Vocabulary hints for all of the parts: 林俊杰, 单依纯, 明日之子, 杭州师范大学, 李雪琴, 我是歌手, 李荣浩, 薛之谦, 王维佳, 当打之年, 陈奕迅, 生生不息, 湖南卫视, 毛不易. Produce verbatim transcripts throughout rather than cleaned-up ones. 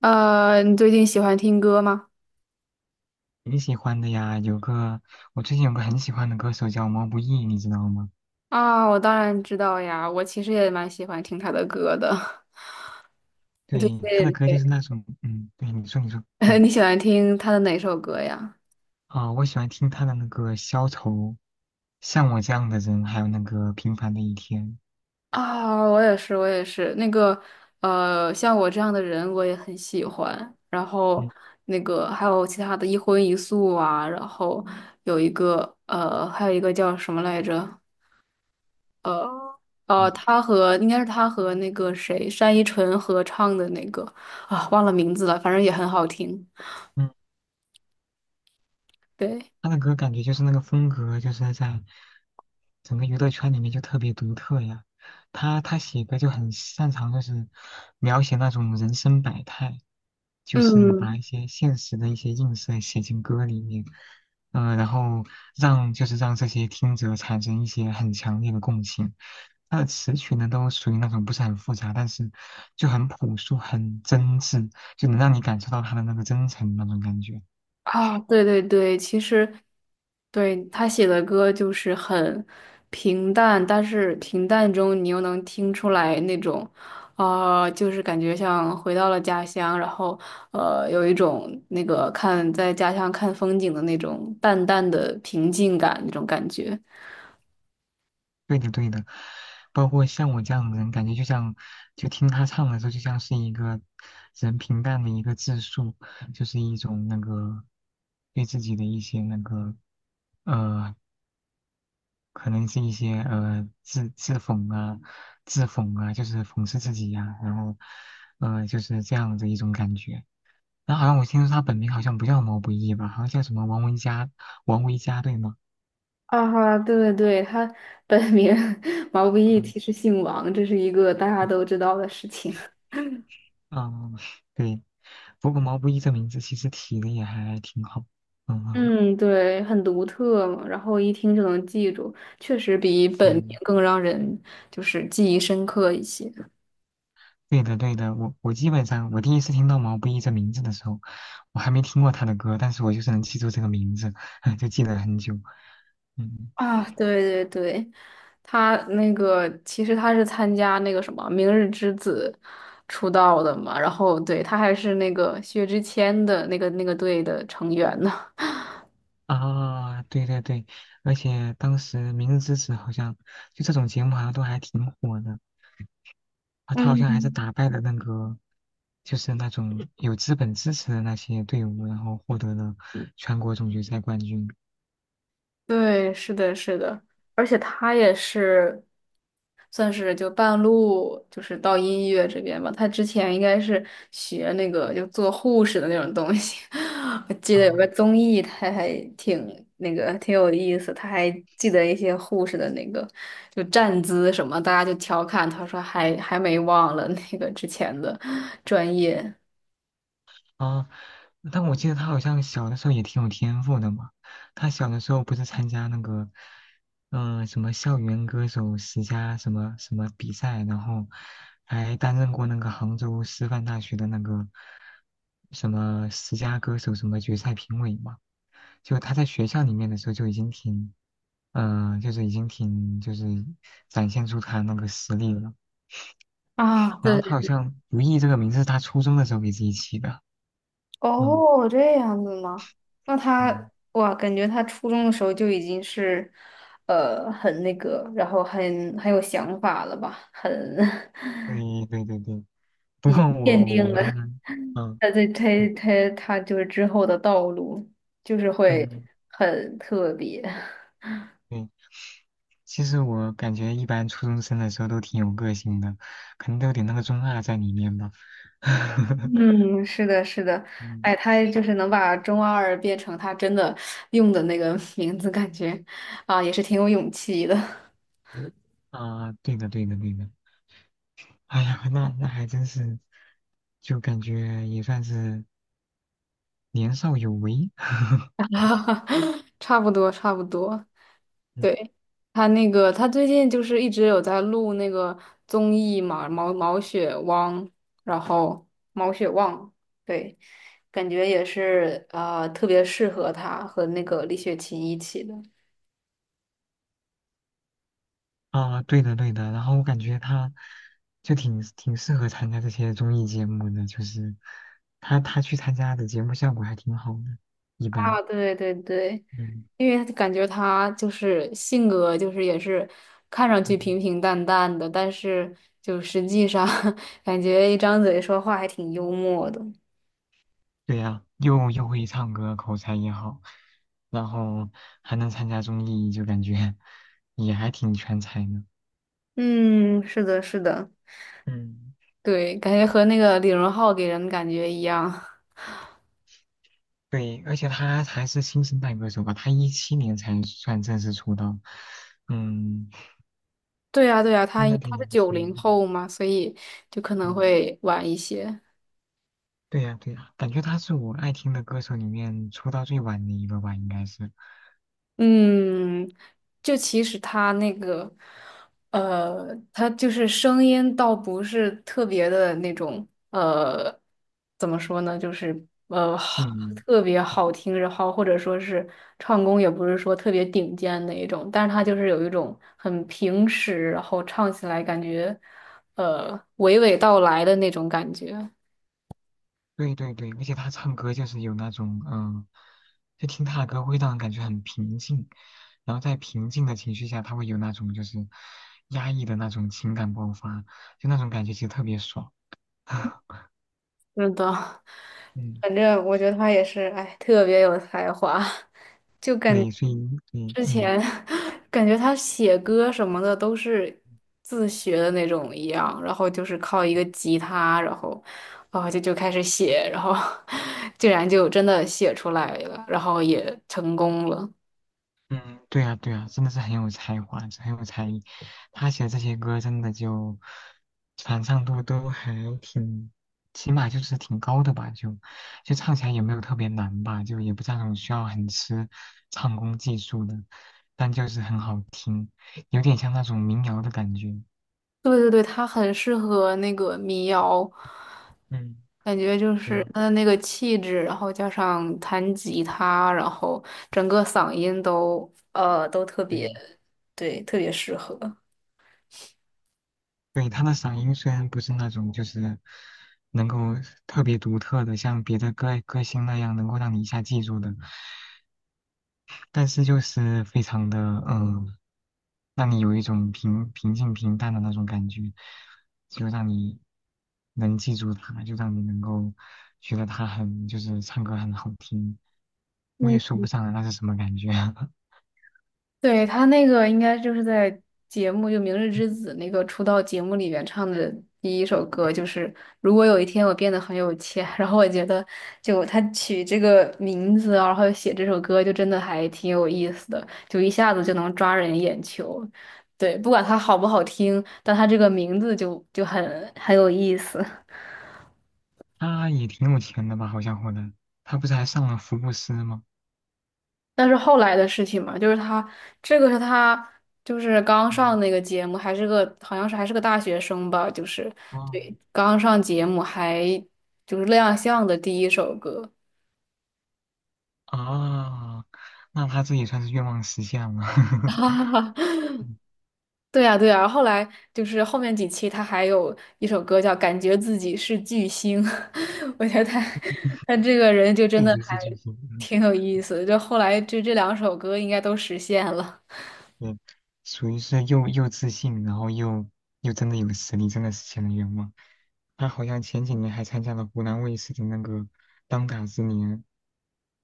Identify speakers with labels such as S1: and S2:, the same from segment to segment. S1: 呃，你最近喜欢听歌吗？
S2: 挺喜欢的呀，有个我最近有个很喜欢的歌手叫毛不易，你知道吗？
S1: 啊，我当然知道呀，我其实也蛮喜欢听他的歌的。你最
S2: 对，他的
S1: 近
S2: 歌就
S1: 对
S2: 是那种，嗯，对，你说你说，嗯，
S1: 你喜欢听他的哪首歌呀？
S2: 啊、我喜欢听他的那个《消愁》，像我这样的人，还有那个《平凡的一天》。
S1: 啊，我也是，我也是。那个，呃，像我这样的人，我也很喜欢。然后，
S2: 嗯
S1: 那个还有其他的一荤一素啊，然后有一个，呃，还有一个叫什么来着？呃呃，
S2: 嗯
S1: 他和应该是他和那个谁单依纯合唱的那个啊，忘了名字了，反正也很好听。
S2: 嗯。
S1: 对，
S2: 他的歌感觉就是那个风格，就是在整个娱乐圈里面就特别独特呀。他他写歌就很擅长，就是描写那种人生百态，就是
S1: 嗯
S2: 把一些现实的一些映射写进歌里面。嗯、然后让就是让这些听者产生一些很强烈的共情。他的词曲呢，都属于那种不是很复杂，但是就很朴素、很真挚，就能让你感受到他的那个真诚那种感觉。
S1: 啊，对对对，其实对他写的歌就是很平淡，但是平淡中你又能听出来那种。啊、就是感觉像回到了家乡，然后呃，有一种那个看在家乡看风景的那种淡淡的平静感，那种感觉。
S2: 对的，对的，包括像我这样的人，感觉就像，就听他唱的时候，就像是一个人平淡的一个自述，就是一种那个对自己的一些那个呃，可能是一些呃自自讽啊、自讽啊，就是讽刺自己呀、然后呃就是这样的一种感觉。然后好像我听说他本名好像不叫毛不易吧，好像叫什么王维佳，王维佳对吗？
S1: 啊哈，对对对，他本名 毛不易，
S2: 嗯。
S1: 其实姓王，这是一个大家都知道的事情。
S2: 嗯，对。不过毛不易这名字其实起的也还挺好。嗯啊，
S1: 嗯，对，很独特嘛，然后一听就能记住，确实比本名
S2: 对，
S1: 更让人就是记忆深刻一些。
S2: 对的，对的。我我基本上我第一次听到毛不易这名字的时候，我还没听过他的歌，但是我就是能记住这个名字，就记得很久。嗯
S1: 啊，对对对，他那个其实他是参加那个什么《明日之子》出道的嘛，然后对他还是那个薛之谦的那个那个队的成员呢。
S2: 啊，对对对，而且当时《明日之子》好像就这种节目好像都还挺火的啊，他好像还是
S1: 嗯。
S2: 打败了那个就是那种有资本支持的那些队伍，然后获得了全国总决赛冠军。
S1: 对，是的，是的，而且他也是算是就半路就是到音乐这边吧。他之前应该是学那个就做护士的那种东西，我记得有个
S2: 啊。
S1: 综艺，他还挺那个挺有意思，他还记得一些护士的那个就站姿什么，大家就调侃他说还还没忘了那个之前的专业
S2: 啊，但我记得他好像小的时候也挺有天赋的嘛。他小的时候不是参加那个，嗯、什么校园歌手十佳什么什么比赛，然后还担任过那个杭州师范大学的那个什么十佳歌手什么决赛评委嘛。就他在学校里面的时候就已经挺，嗯、就是已经挺就是展现出他那个实力了。
S1: 啊。
S2: 然后
S1: 对
S2: 他好像“如意”这个名字是他初中的时候给自己起的。嗯。
S1: 哦，这样子吗？那他，
S2: 嗯
S1: 哇，感觉他初中的时候就已经是，呃，很那个，然后很很有想法了吧？很，
S2: 对对对对，不
S1: 已经
S2: 过
S1: 奠
S2: 我
S1: 定
S2: 我
S1: 了
S2: 们，嗯
S1: 他这他
S2: 嗯，
S1: 他他就是之后的道路，就是会
S2: 嗯
S1: 很特别。
S2: 对，其实我感觉一般初中生的时候都挺有个性的，可能都有点那个中二在里面吧。
S1: 嗯，是的，是的，
S2: 嗯
S1: 哎，他就是能把中二变成他真的用的那个 名字，感觉啊，也是挺有勇气的。
S2: 啊，对的对的对的，哎呀，那那还真是，就感觉也算是年少有为。
S1: 差不多，差不多。对，他那个，他最近就是一直有在录那个综艺嘛，毛毛血汪，然后毛血旺，对，感觉也是呃特别适合他和那个李雪琴一起的
S2: 啊，对的对的，然后我感觉他就挺挺适合参加这些综艺节目的，就是他他去参加的节目效果还挺好的，一
S1: 啊，
S2: 般，
S1: 对对对，
S2: 嗯
S1: 因为感觉他就是性格就是也是看上去
S2: 嗯，
S1: 平平淡淡的，但是就实际上 感觉一张嘴说话还挺幽默的。
S2: 对呀、又又会唱歌，口才也好，然后还能参加综艺，就感觉也还挺全才的，
S1: 嗯，是的，是的。
S2: 嗯，
S1: 对，感觉和那个李荣浩给人的感觉一样。
S2: 对，而且他还是新生代歌手吧，他一七年才算正式出道，嗯，
S1: 对呀，对呀，他
S2: 应该挺
S1: 他是
S2: 年
S1: 九
S2: 轻
S1: 零
S2: 的，
S1: 后嘛，所以就可能
S2: 嗯。
S1: 会晚一些。
S2: 对呀，对呀，感觉他是我爱听的歌手里面出道最晚的一个吧，应该是
S1: 嗯，就其实他那个，呃，他就是声音倒不是特别的那种，呃，怎么说呢，就是呃，好
S2: 姓，
S1: 特别好听，然后或者说是唱功也不是说特别顶尖的一种，但是他就是有一种很平实，然后唱起来感觉，呃，娓娓道来的那种感觉，
S2: 对对对，而且他唱歌就是有那种，嗯、就听他的歌会让人感觉很平静，然后在平静的情绪下，他会有那种就是压抑的那种情感爆发，就那种感觉其实特别爽。
S1: 是的，
S2: 嗯，
S1: 反正我觉得他也是，哎，特别有才华，就感
S2: 对，所以对，
S1: 之
S2: 嗯。
S1: 前 感觉他写歌什么的都是自学的那种一样，然后就是靠一个吉他，然后哦就就开始写，然后 竟然就真的写出来了，然后也成功了。
S2: 嗯，对呀，对呀，真的是很有才华，很有才艺。他写的这些歌真的就传唱度都还挺，起码就是挺高的吧，就就唱起来也没有特别难吧，就也不是那种需要很吃唱功技术的，但就是很好听，有点像那种民谣的感觉。
S1: 对对对，它很适合那个民谣，
S2: 嗯，
S1: 感觉就是
S2: 对
S1: 它的那个气质，然后加上弹吉他，然后整个嗓音都呃都特
S2: 对
S1: 别，对，特别适合。
S2: 对，他的嗓音虽然不是那种就是能够特别独特的，像别的歌歌星那样能够让你一下记住的。但是就是非常的嗯，让你有一种平平静平淡的那种感觉，就让你能记住他，就让你能够觉得他很就是唱歌很好听，我也
S1: 嗯，
S2: 说不上来那是什么感觉。
S1: 对，他那个应该就是在节目就《明日之子》那个出道节目里面唱的第一首歌，就是如果有一天我变得很有钱，然后我觉得就他取这个名字啊然后写这首歌，就真的还挺有意思的，就一下子就能抓人眼球。对，不管它好不好听，但它这个名字就就很很有意思。
S2: 他也挺有钱的吧，好像混的，他不是还上了福布斯吗？
S1: 那是后来的事情嘛，就是他这个是他就是刚上
S2: 嗯
S1: 那个节目，还是个好像是还是个大学生吧，就是
S2: 哦
S1: 对刚上节目还就是亮相的第一首歌。
S2: 啊，那他这也算是愿望实现了，
S1: 对呀，对呀，后来就是后面几期他还有一首歌叫《感觉自己是巨星》，我觉得他他这个人就真
S2: 确
S1: 的
S2: 实
S1: 还
S2: 是巨星。
S1: 挺有意思的，就后来就这两首歌应该都实现了。
S2: 嗯，属于是又又自信，然后又又真的有实力，真的实现了愿望。他好像前几年还参加了湖南卫视的那个当打之年，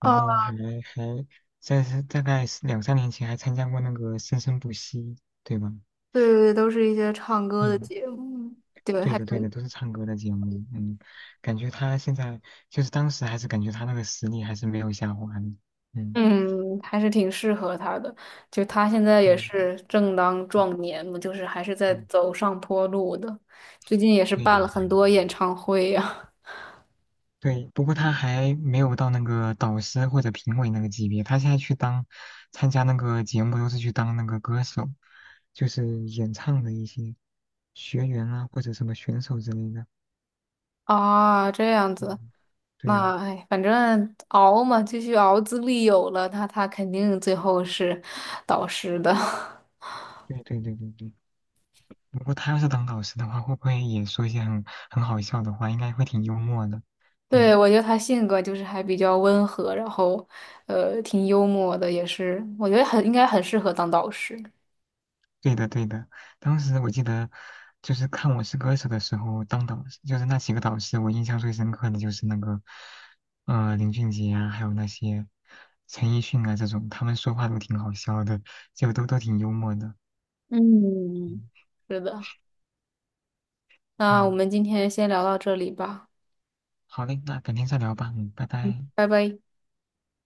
S1: 哦，
S2: 然后还还在是大概是两三年前还参加过那个生生不息，对吧？
S1: 对对对，都是一些唱歌的
S2: 嗯，
S1: 节目，对，
S2: 对
S1: 还
S2: 的对的，
S1: 挺
S2: 都是唱歌的节目。嗯，感觉他现在就是当时还是感觉他那个实力还是没有下滑的。嗯，
S1: 嗯，还是挺适合他的。就他现在也
S2: 对，
S1: 是正当
S2: 嗯，
S1: 壮年嘛，就是还是在
S2: 嗯
S1: 走上坡路的。最近也是办了
S2: 嗯。
S1: 很多演唱会呀、
S2: 对，不过他还没有到那个导师或者评委那个级别，他现在去当参加那个节目都是去当那个歌手，就是演唱的一些学员啊或者什么选手之类的。
S1: 啊。这样子，
S2: 嗯，对呀、
S1: 那哎，反正熬嘛，继续熬，资历有了，他他肯定最后是导师的。
S2: 对对对对对。不过他要是当导师的话，会不会也说一些很很好笑的话？应该会挺幽默的。
S1: 对，
S2: 嗯。
S1: 我觉得他性格就是还比较温和，然后呃挺幽默的，也是我觉得很应该很适合当导师。
S2: 对的，对的。当时我记得，就是看《我是歌手》的时候，当导师就是那几个导师，我印象最深刻的就是那个，呃，林俊杰啊，还有那些陈奕迅啊这种，他们说话都挺好笑的，就都都挺幽默的。嗯
S1: 嗯，是的。那我
S2: 嗯，
S1: 们今天先聊到这里吧，
S2: 好嘞，那改天再聊吧，嗯，拜拜。
S1: 拜拜。